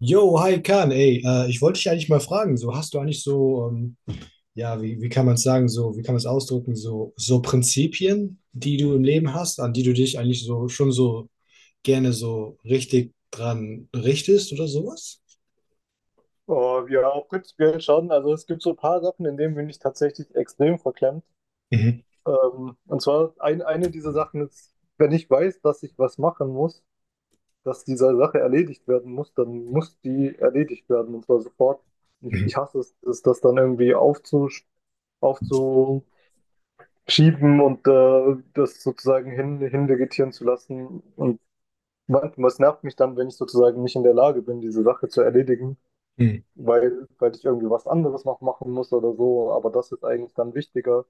Yo, hi Kahn, ey, ich wollte dich eigentlich mal fragen, so hast du eigentlich so, ja, wie kann man es sagen, so, wie kann man es ausdrücken, so Prinzipien, die du im Leben hast, an die du dich eigentlich so schon so gerne so richtig dran richtest oder sowas? Oh, ja, prinzipiell schon. Also es gibt so ein paar Sachen, in denen bin ich tatsächlich extrem verklemmt. Mhm. Eine dieser Sachen ist: wenn ich weiß, dass ich was machen muss, dass diese Sache erledigt werden muss, dann muss die erledigt werden, und zwar sofort. Ich Mhm. hasse es, das dann irgendwie aufzuschieben und das sozusagen hinvegetieren zu lassen. Und manchmal, es nervt mich dann, wenn ich sozusagen nicht in der Lage bin, diese Sache zu erledigen, Mhm. weil ich irgendwie was anderes noch machen muss oder so. Aber das ist eigentlich dann wichtiger.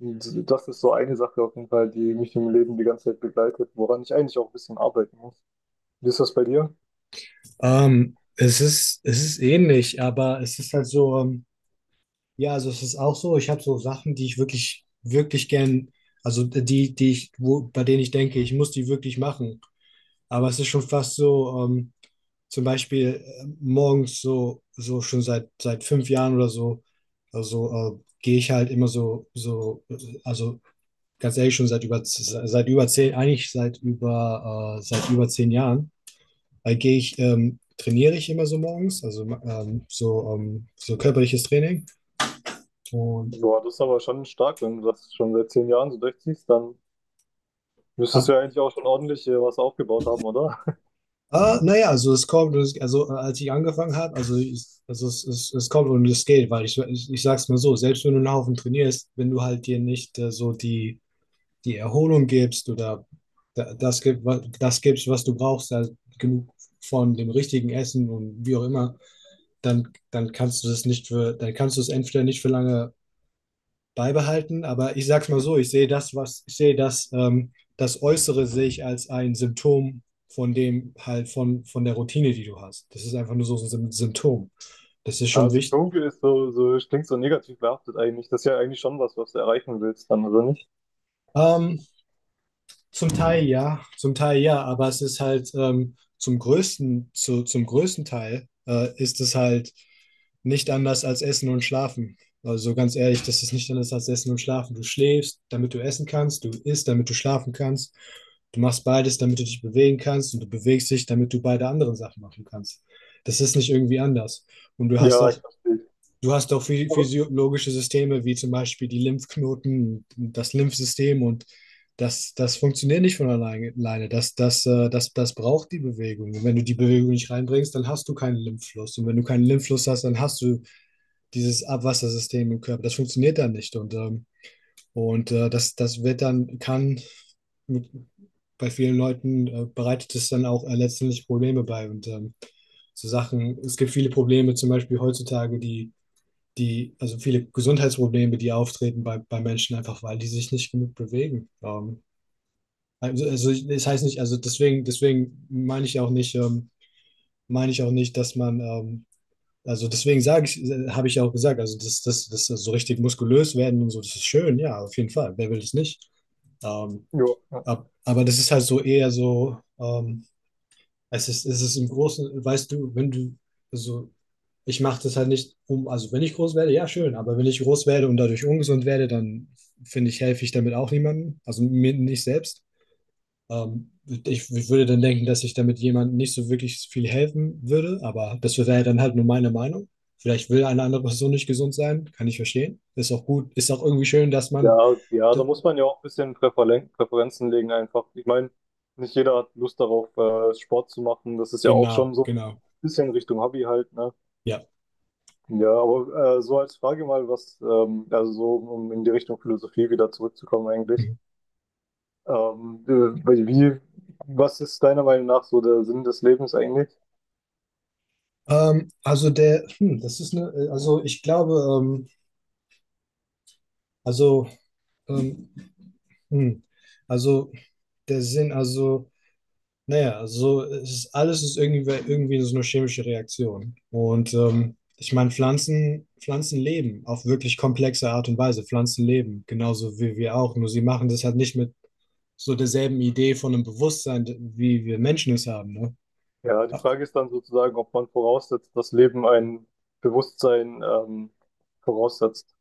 Und das ist so eine Sache auf jeden Fall, die mich im Leben die ganze Zeit begleitet, woran ich eigentlich auch ein bisschen arbeiten muss. Wie ist das bei dir? Es ist ähnlich, aber es ist halt so, ja, also es ist auch so, ich habe so Sachen, die ich wirklich, wirklich gern, bei denen ich denke, ich muss die wirklich machen. Aber es ist schon fast so, zum Beispiel morgens so schon seit 5 Jahren oder so, also gehe ich halt immer so, so, also ganz ehrlich, schon seit über 10, eigentlich seit über 10 Jahren, weil gehe ich, trainiere ich immer so morgens, also so körperliches Training und Boah, das ist aber schon stark, wenn du das schon seit 10 Jahren so durchziehst, dann müsstest du ab, ja eigentlich auch schon ordentlich was aufgebaut haben, oder? Ah, naja, also es kommt, und als ich angefangen habe, also es kommt und es geht, weil ich sag's mal so, selbst wenn du einen Haufen trainierst, wenn du halt dir nicht so die Erholung gibst oder das gibst, was du brauchst, also genug von dem richtigen Essen und wie auch immer, dann kannst du das nicht für, dann kannst du es entweder nicht für lange beibehalten. Aber ich sag's mal so, ich sehe das, was ich sehe, das, das Äußere sehe ich als ein Symptom von dem halt von der Routine, die du hast. Das ist einfach nur so ein Symptom. Das ist Ja, schon wichtig. Symptomke ist so, so, klingt so negativ behaftet eigentlich. Das ist ja eigentlich schon was, was du erreichen willst dann, oder nicht? Ähm, Zum Teil ja, zum Teil ja, aber es ist halt zum größten Teil ist es halt nicht anders als Essen und Schlafen. Also ganz ehrlich, das ist nicht anders als Essen und Schlafen. Du schläfst, damit du essen kannst, du isst, damit du schlafen kannst. Du machst beides, damit du dich bewegen kannst, und du bewegst dich, damit du beide anderen Sachen machen kannst. Das ist nicht irgendwie anders. Und du hast Ja, ich auch verstehe. Du hast auch Aber, physiologische Systeme, wie zum Beispiel die Lymphknoten, das Lymphsystem, und das, das funktioniert nicht von alleine. Das braucht die Bewegung. Und wenn du die Bewegung nicht reinbringst, dann hast du keinen Lymphfluss. Und wenn du keinen Lymphfluss hast, dann hast du dieses Abwassersystem im Körper. Das funktioniert dann nicht. Und das wird dann, kann mit, bei vielen Leuten bereitet es dann auch letztendlich Probleme bei. Und so Sachen, es gibt viele Probleme, zum Beispiel heutzutage, also viele Gesundheitsprobleme, die auftreten bei Menschen, einfach weil die sich nicht genug bewegen. Das heißt nicht, also deswegen meine ich auch nicht, dass man, also deswegen sage ich, habe ich ja auch gesagt, also das so richtig muskulös werden und so, das ist schön, ja, auf jeden Fall. Wer will es nicht? Ähm, ja. Aber das ist halt so eher so, es ist im Großen, weißt du, wenn du, also ich mache das halt nicht um, also wenn ich groß werde, ja, schön, aber wenn ich groß werde und dadurch ungesund werde, dann finde ich, helfe ich damit auch niemandem, also mir nicht selbst. Ähm, ich würde dann denken, dass ich damit jemandem nicht so wirklich viel helfen würde, aber das wäre dann halt nur meine Meinung. Vielleicht will eine andere Person nicht gesund sein, kann ich verstehen. Ist auch gut, ist auch irgendwie schön, dass man, Ja, ja, da d- muss man ja auch ein bisschen Präferenzen legen einfach. Ich meine, nicht jeder hat Lust darauf, Sport zu machen. Das ist ja auch genau, schon so ein genau, bisschen Richtung Hobby halt, ne? ja. Ja, aber so als Frage mal, was, also so um in die Richtung Philosophie wieder zurückzukommen eigentlich. Mhm. Ähm, äh, wie, was ist deiner Meinung nach so der Sinn des Lebens eigentlich? Also der, das ist eine, also ich glaube, ähm, Also, ähm, hm, also der Sinn, also, naja, so es ist, alles ist irgendwie, irgendwie so eine chemische Reaktion. Und ich meine, Pflanzen, Pflanzen leben auf wirklich komplexe Art und Weise. Pflanzen leben, genauso wie wir auch. Nur sie machen das halt nicht mit so derselben Idee von einem Bewusstsein, wie wir Menschen es haben. Ne? Ja, die Frage ist dann sozusagen, ob man voraussetzt, dass Leben ein Bewusstsein voraussetzt.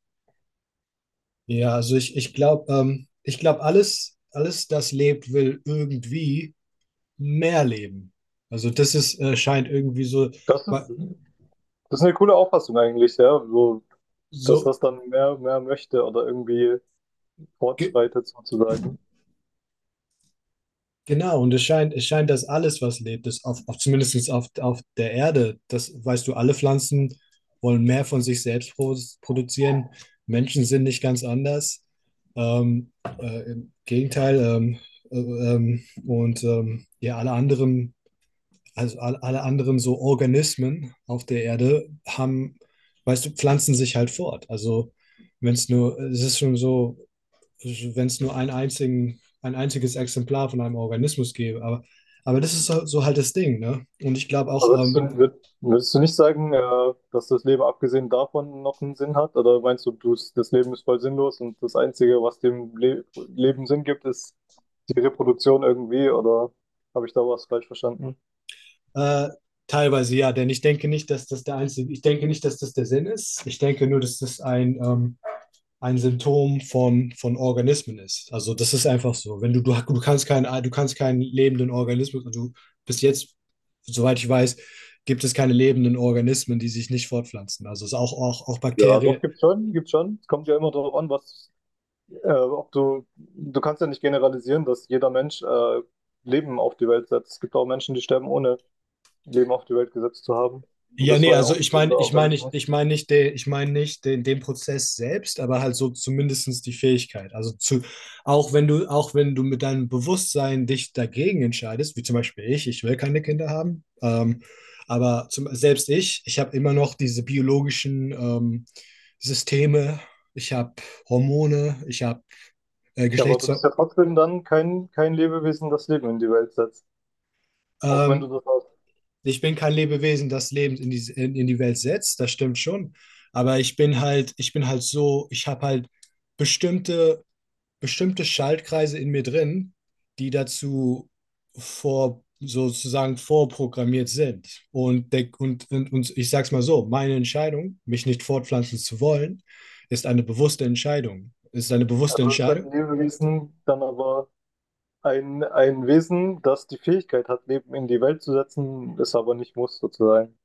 Ja, also ich glaube, alles das lebt, will irgendwie mehr leben. Also das scheint irgendwie so. Das ist, Das ist eine coole Auffassung eigentlich, ja. So, dass So, das dann mehr, mehr möchte oder irgendwie ge fortschreitet sozusagen. genau, und es scheint, dass alles, was lebt, ist auf zumindest auf der Erde, das weißt du, alle Pflanzen wollen mehr von sich selbst produzieren. Menschen sind nicht ganz anders. Ähm, Im Gegenteil, ja, alle anderen, also alle anderen so Organismen auf der Erde haben, weißt du, pflanzen sich halt fort. Also wenn es nur, es ist schon so, wenn es nur ein einziges Exemplar von einem Organismus gäbe. Aber das ist so, so halt das Ding, ne? Und ich glaube auch, Aber würdest du nicht sagen, dass das Leben abgesehen davon noch einen Sinn hat? Oder meinst du, du das Leben ist voll sinnlos und das Einzige, was dem Le Leben Sinn gibt, ist die Reproduktion irgendwie? Oder habe ich da was falsch verstanden? äh, teilweise ja, denn ich denke nicht, dass das der Sinn ist. Ich denke nur, dass das ein Symptom von Organismen ist. Also das ist einfach so. Wenn du kannst keinen, du kannst keinen lebenden Organismus, du bis jetzt, soweit ich weiß, gibt es keine lebenden Organismen, die sich nicht fortpflanzen. Also es auch, auch Ja, Bakterien. doch, gibt schon, gibt schon. Es kommt ja immer darauf an, was. Ob du, du kannst ja nicht generalisieren, dass jeder Mensch Leben auf die Welt setzt. Es gibt auch Menschen, die sterben, ohne Leben auf die Welt gesetzt zu haben. Und Ja, das nee, war ja also auch ein lebender Organismus. ich meine nicht den, ich meine nicht den Prozess selbst, aber halt so zumindestens die Fähigkeit. Auch wenn du mit deinem Bewusstsein dich dagegen entscheidest, wie zum Beispiel ich, ich, will keine Kinder haben, selbst ich habe immer noch diese biologischen Systeme, ich habe Hormone, ich habe äh, Ja, aber du Geschlechts, bist ja trotzdem dann kein Lebewesen, das Leben in die Welt setzt. Auch wenn du ähm, das hast. ich bin kein Lebewesen, das Leben in die Welt setzt, das stimmt schon. Aber ich habe halt bestimmte, bestimmte Schaltkreise in mir drin, die dazu sozusagen vorprogrammiert sind. Und ich sag's mal so, meine Entscheidung, mich nicht fortpflanzen zu wollen, ist eine bewusste Entscheidung. Ist eine Also bewusste du bist halt Entscheidung. ein Lebewesen, dann aber ein Wesen, das die Fähigkeit hat, Leben in die Welt zu setzen, es aber nicht muss, sozusagen.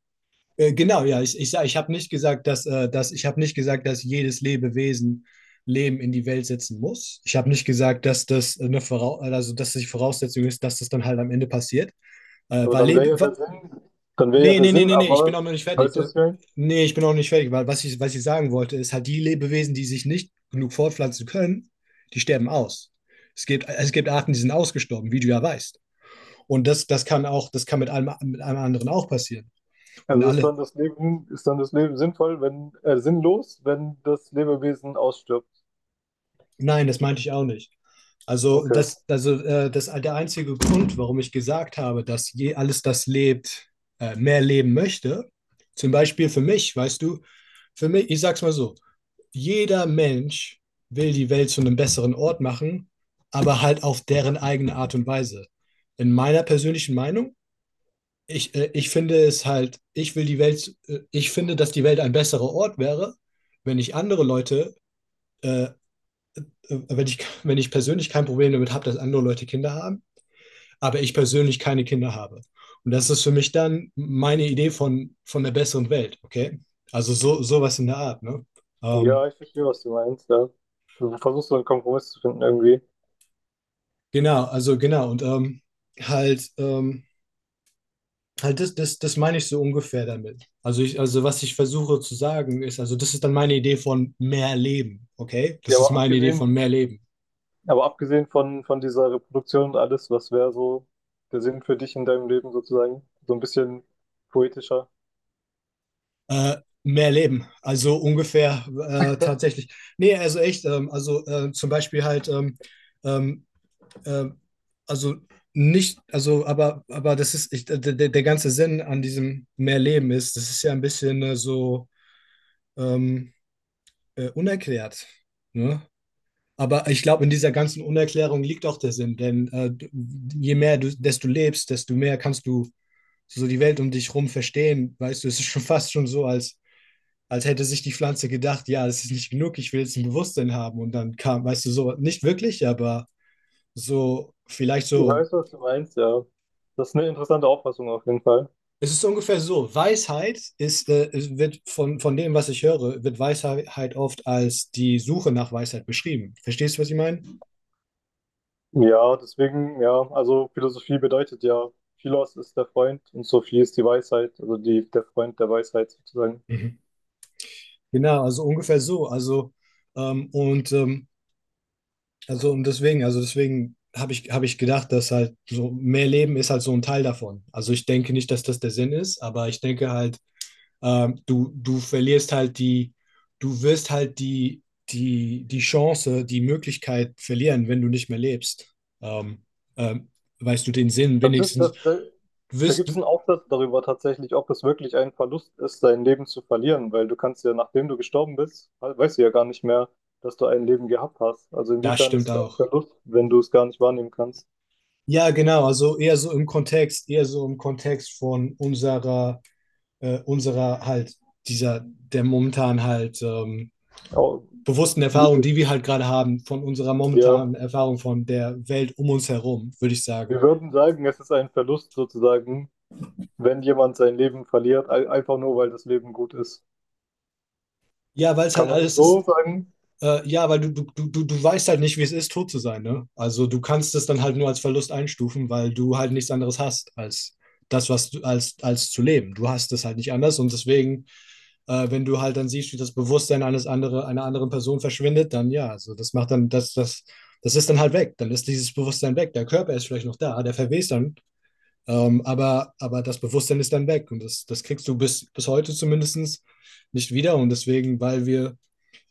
Genau, ja, ich habe nicht gesagt, dass ich habe nicht gesagt, dass jedes Lebewesen Leben in die Welt setzen muss. Ich habe nicht gesagt, dass das eine Vorau also dass die Voraussetzung ist, dass das dann halt am Ende passiert. Aber Weil dann wäre Lebe ja der wa Sinn, dann wäre ja nee, der nee, nee, Sinn, nee, nee, ich bin aber, auch noch nicht fertig. weißt du, was ich meine? Nee, ich bin auch nicht fertig, weil was ich sagen wollte, ist halt, die Lebewesen, die sich nicht genug fortpflanzen können, die sterben aus. Es gibt Arten, die sind ausgestorben, wie du ja weißt. Und das kann auch, das kann mit einem anderen auch passieren. Und Also ist alle, dann das Leben, ist dann das Leben sinnvoll, wenn, sinnlos, wenn das Lebewesen ausstirbt. nein, das meinte ich auch nicht. Also, Okay. Der einzige Grund, warum ich gesagt habe, dass je alles, das lebt, mehr leben möchte, zum Beispiel für mich, weißt du, für mich, ich sag's mal so, jeder Mensch will die Welt zu einem besseren Ort machen, aber halt auf deren eigene Art und Weise. In meiner persönlichen Meinung, ich finde es halt, ich will die Welt, ich finde, dass die Welt ein besserer Ort wäre, wenn ich andere Leute, äh, wenn ich, wenn ich persönlich kein Problem damit habe, dass andere Leute Kinder haben, aber ich persönlich keine Kinder habe. Und das ist für mich dann meine Idee von der besseren Welt, okay? Also so, sowas in der Art, ne? Ähm, Ja, ich verstehe, was du meinst, ja. Du versuchst so einen Kompromiss zu finden irgendwie. genau, also genau, und halt, ähm, halt das meine ich so ungefähr damit. Also was ich versuche zu sagen ist, also das ist dann meine Idee von mehr Leben, okay? Ja, Das ist meine Idee von mehr Leben. aber abgesehen von dieser Reproduktion und alles, was wäre so der Sinn für dich in deinem Leben sozusagen? So ein bisschen poetischer. Äh, Mehr Leben, also ungefähr tatsächlich. Nee, also echt, zum Beispiel halt, ähm, äh, also nicht, also, aber der ganze Sinn an diesem mehr Leben ist, das ist ja ein bisschen so ähm, unerklärt, ne? Aber ich glaube, in dieser ganzen Unerklärung liegt auch der Sinn, denn je mehr du, desto lebst, desto mehr kannst du so die Welt um dich rum verstehen. Weißt du, es ist schon fast schon so, als hätte sich die Pflanze gedacht, ja, das ist nicht genug, ich will jetzt ein Bewusstsein haben. Und dann kam, weißt du, so nicht wirklich, aber so vielleicht Ich weiß, was du meinst, ja. Das ist eine interessante Auffassung auf jeden Fall. Es ist ungefähr so. Es wird von dem, was ich höre, wird Weisheit oft als die Suche nach Weisheit beschrieben. Verstehst du, was ich meine? Ja, deswegen, ja, also Philosophie bedeutet ja, Philos ist der Freund und Sophie ist die Weisheit, also die, der Freund der Weisheit sozusagen. Mhm. Genau, also ungefähr so. Ähm, und, ähm, und deswegen, also deswegen habe ich gedacht, dass halt so mehr Leben ist halt so ein Teil davon. Also ich denke nicht, dass das der Sinn ist, aber ich denke halt. Du verlierst halt die, du wirst halt die, die, die Chance, die Möglichkeit verlieren, wenn du nicht mehr lebst. Ähm, ähm, Weißt du den Sinn Das ist, wenigstens? das, da, Du da wirst, gibt es du, einen Aufsatz darüber tatsächlich, ob es wirklich ein Verlust ist, dein Leben zu verlieren, weil du kannst ja, nachdem du gestorben bist, weißt du ja gar nicht mehr, dass du ein Leben gehabt hast. Also Das inwiefern ist stimmt es ein auch. Verlust, wenn du es gar nicht wahrnehmen kannst? Ja, genau, also eher so im Kontext, eher so im Kontext von unserer, unserer halt, dieser, der momentan halt Au-. bewussten Erfahrung, die wir halt gerade haben, von unserer Ja, momentanen Erfahrung von der Welt um uns herum, würde ich sagen. wir würden sagen, es ist ein Verlust sozusagen, wenn jemand sein Leben verliert, einfach nur, weil das Leben gut ist. Ja, weil es halt Kann man das alles ist. so sagen? Ja, weil du, du weißt halt nicht, wie es ist, tot zu sein, ne? Also du kannst es dann halt nur als Verlust einstufen, weil du halt nichts anderes hast als das, als zu leben. Du hast es halt nicht anders, und deswegen, wenn du halt dann siehst, wie das Bewusstsein einer anderen Person verschwindet, dann ja, also das macht dann, das ist dann halt weg. Dann ist dieses Bewusstsein weg. Der Körper ist vielleicht noch da, der verwest dann, aber das Bewusstsein ist dann weg, und das, das kriegst du bis heute zumindest nicht wieder, und deswegen, weil wir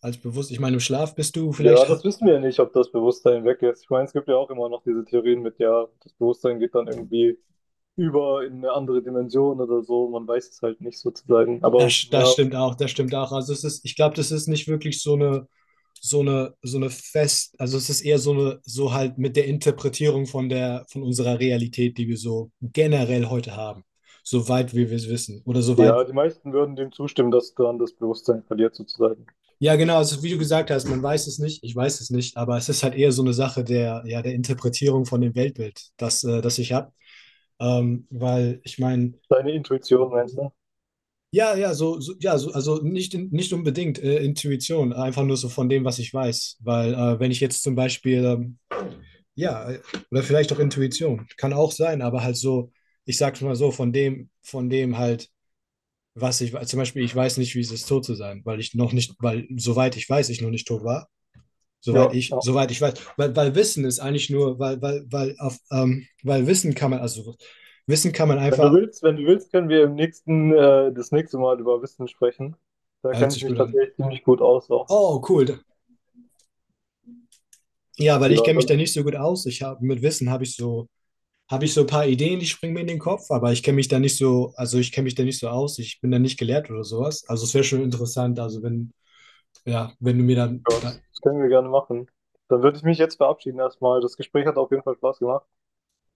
als bewusst. Ich meine, im Schlaf bist du Ja, vielleicht, das wissen wir ja nicht, ob das Bewusstsein weg ist. Ich meine, es gibt ja auch immer noch diese Theorien mit, ja, das Bewusstsein geht dann irgendwie über in eine andere Dimension oder so. Man weiß es halt nicht sozusagen. Aber das ja, stimmt auch, das stimmt auch. Also es ist, ich glaube, das ist nicht wirklich so eine, so eine fest, also es ist eher so eine, so halt mit der Interpretierung von der, von unserer Realität, die wir so generell heute haben. Soweit wir es wissen. Oder soweit, ja, die meisten würden dem zustimmen, dass dann das Bewusstsein verliert sozusagen. ja, genau, also wie du gesagt hast, man weiß es nicht, ich weiß es nicht, aber es ist halt eher so eine Sache der, ja, der Interpretierung von dem Weltbild, das, das ich habe. Weil ich meine, Deine Intuition, meinst du? ja, ja, so, so ja, so, also nicht, nicht unbedingt Intuition, einfach nur so von dem, was ich weiß. Weil wenn ich jetzt zum Beispiel, ja, oder vielleicht auch Intuition, kann auch sein, aber halt so, ich sag's mal so, von dem, was ich weiß. Zum Beispiel, ich weiß nicht, wie es ist, tot zu sein, weil soweit ich weiß, ich noch nicht tot war. Ja, ja. Soweit ich weiß. Weil Wissen ist eigentlich nur, weil auf, weil Wissen kann man, also Wissen kann man Wenn du einfach, willst, wenn du willst, können wir im nächsten, das nächste Mal über Wissen sprechen. Da hört kenne ich sich mich gut an. tatsächlich ziemlich gut aus auch. Oh, cool. Ja, weil ich Ja, kenne mich dann. da nicht so gut aus. Ich habe mit Wissen habe ich so ein paar Ideen, die springen mir in den Kopf, aber ich kenne mich da nicht so, also ich kenne mich da nicht so aus. Ich bin da nicht gelehrt oder sowas. Also es wäre schon interessant, also wenn ja, wenn du mir dann, Ja, das das können wir gerne machen. Dann würde ich mich jetzt verabschieden erstmal. Das Gespräch hat auf jeden Fall Spaß gemacht.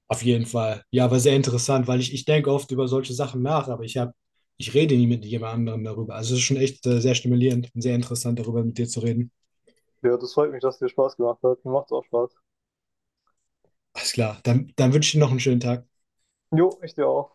auf jeden Fall. Ja, aber sehr interessant, weil ich denke oft über solche Sachen nach, ich rede nie mit jemand anderem darüber. Also es ist schon echt sehr stimulierend und sehr interessant, darüber mit dir zu reden. Ja, das freut mich, dass es dir Spaß gemacht hat. Mir macht's auch Spaß. Alles klar. Dann wünsche ich dir noch einen schönen Tag. Jo, ich dir auch.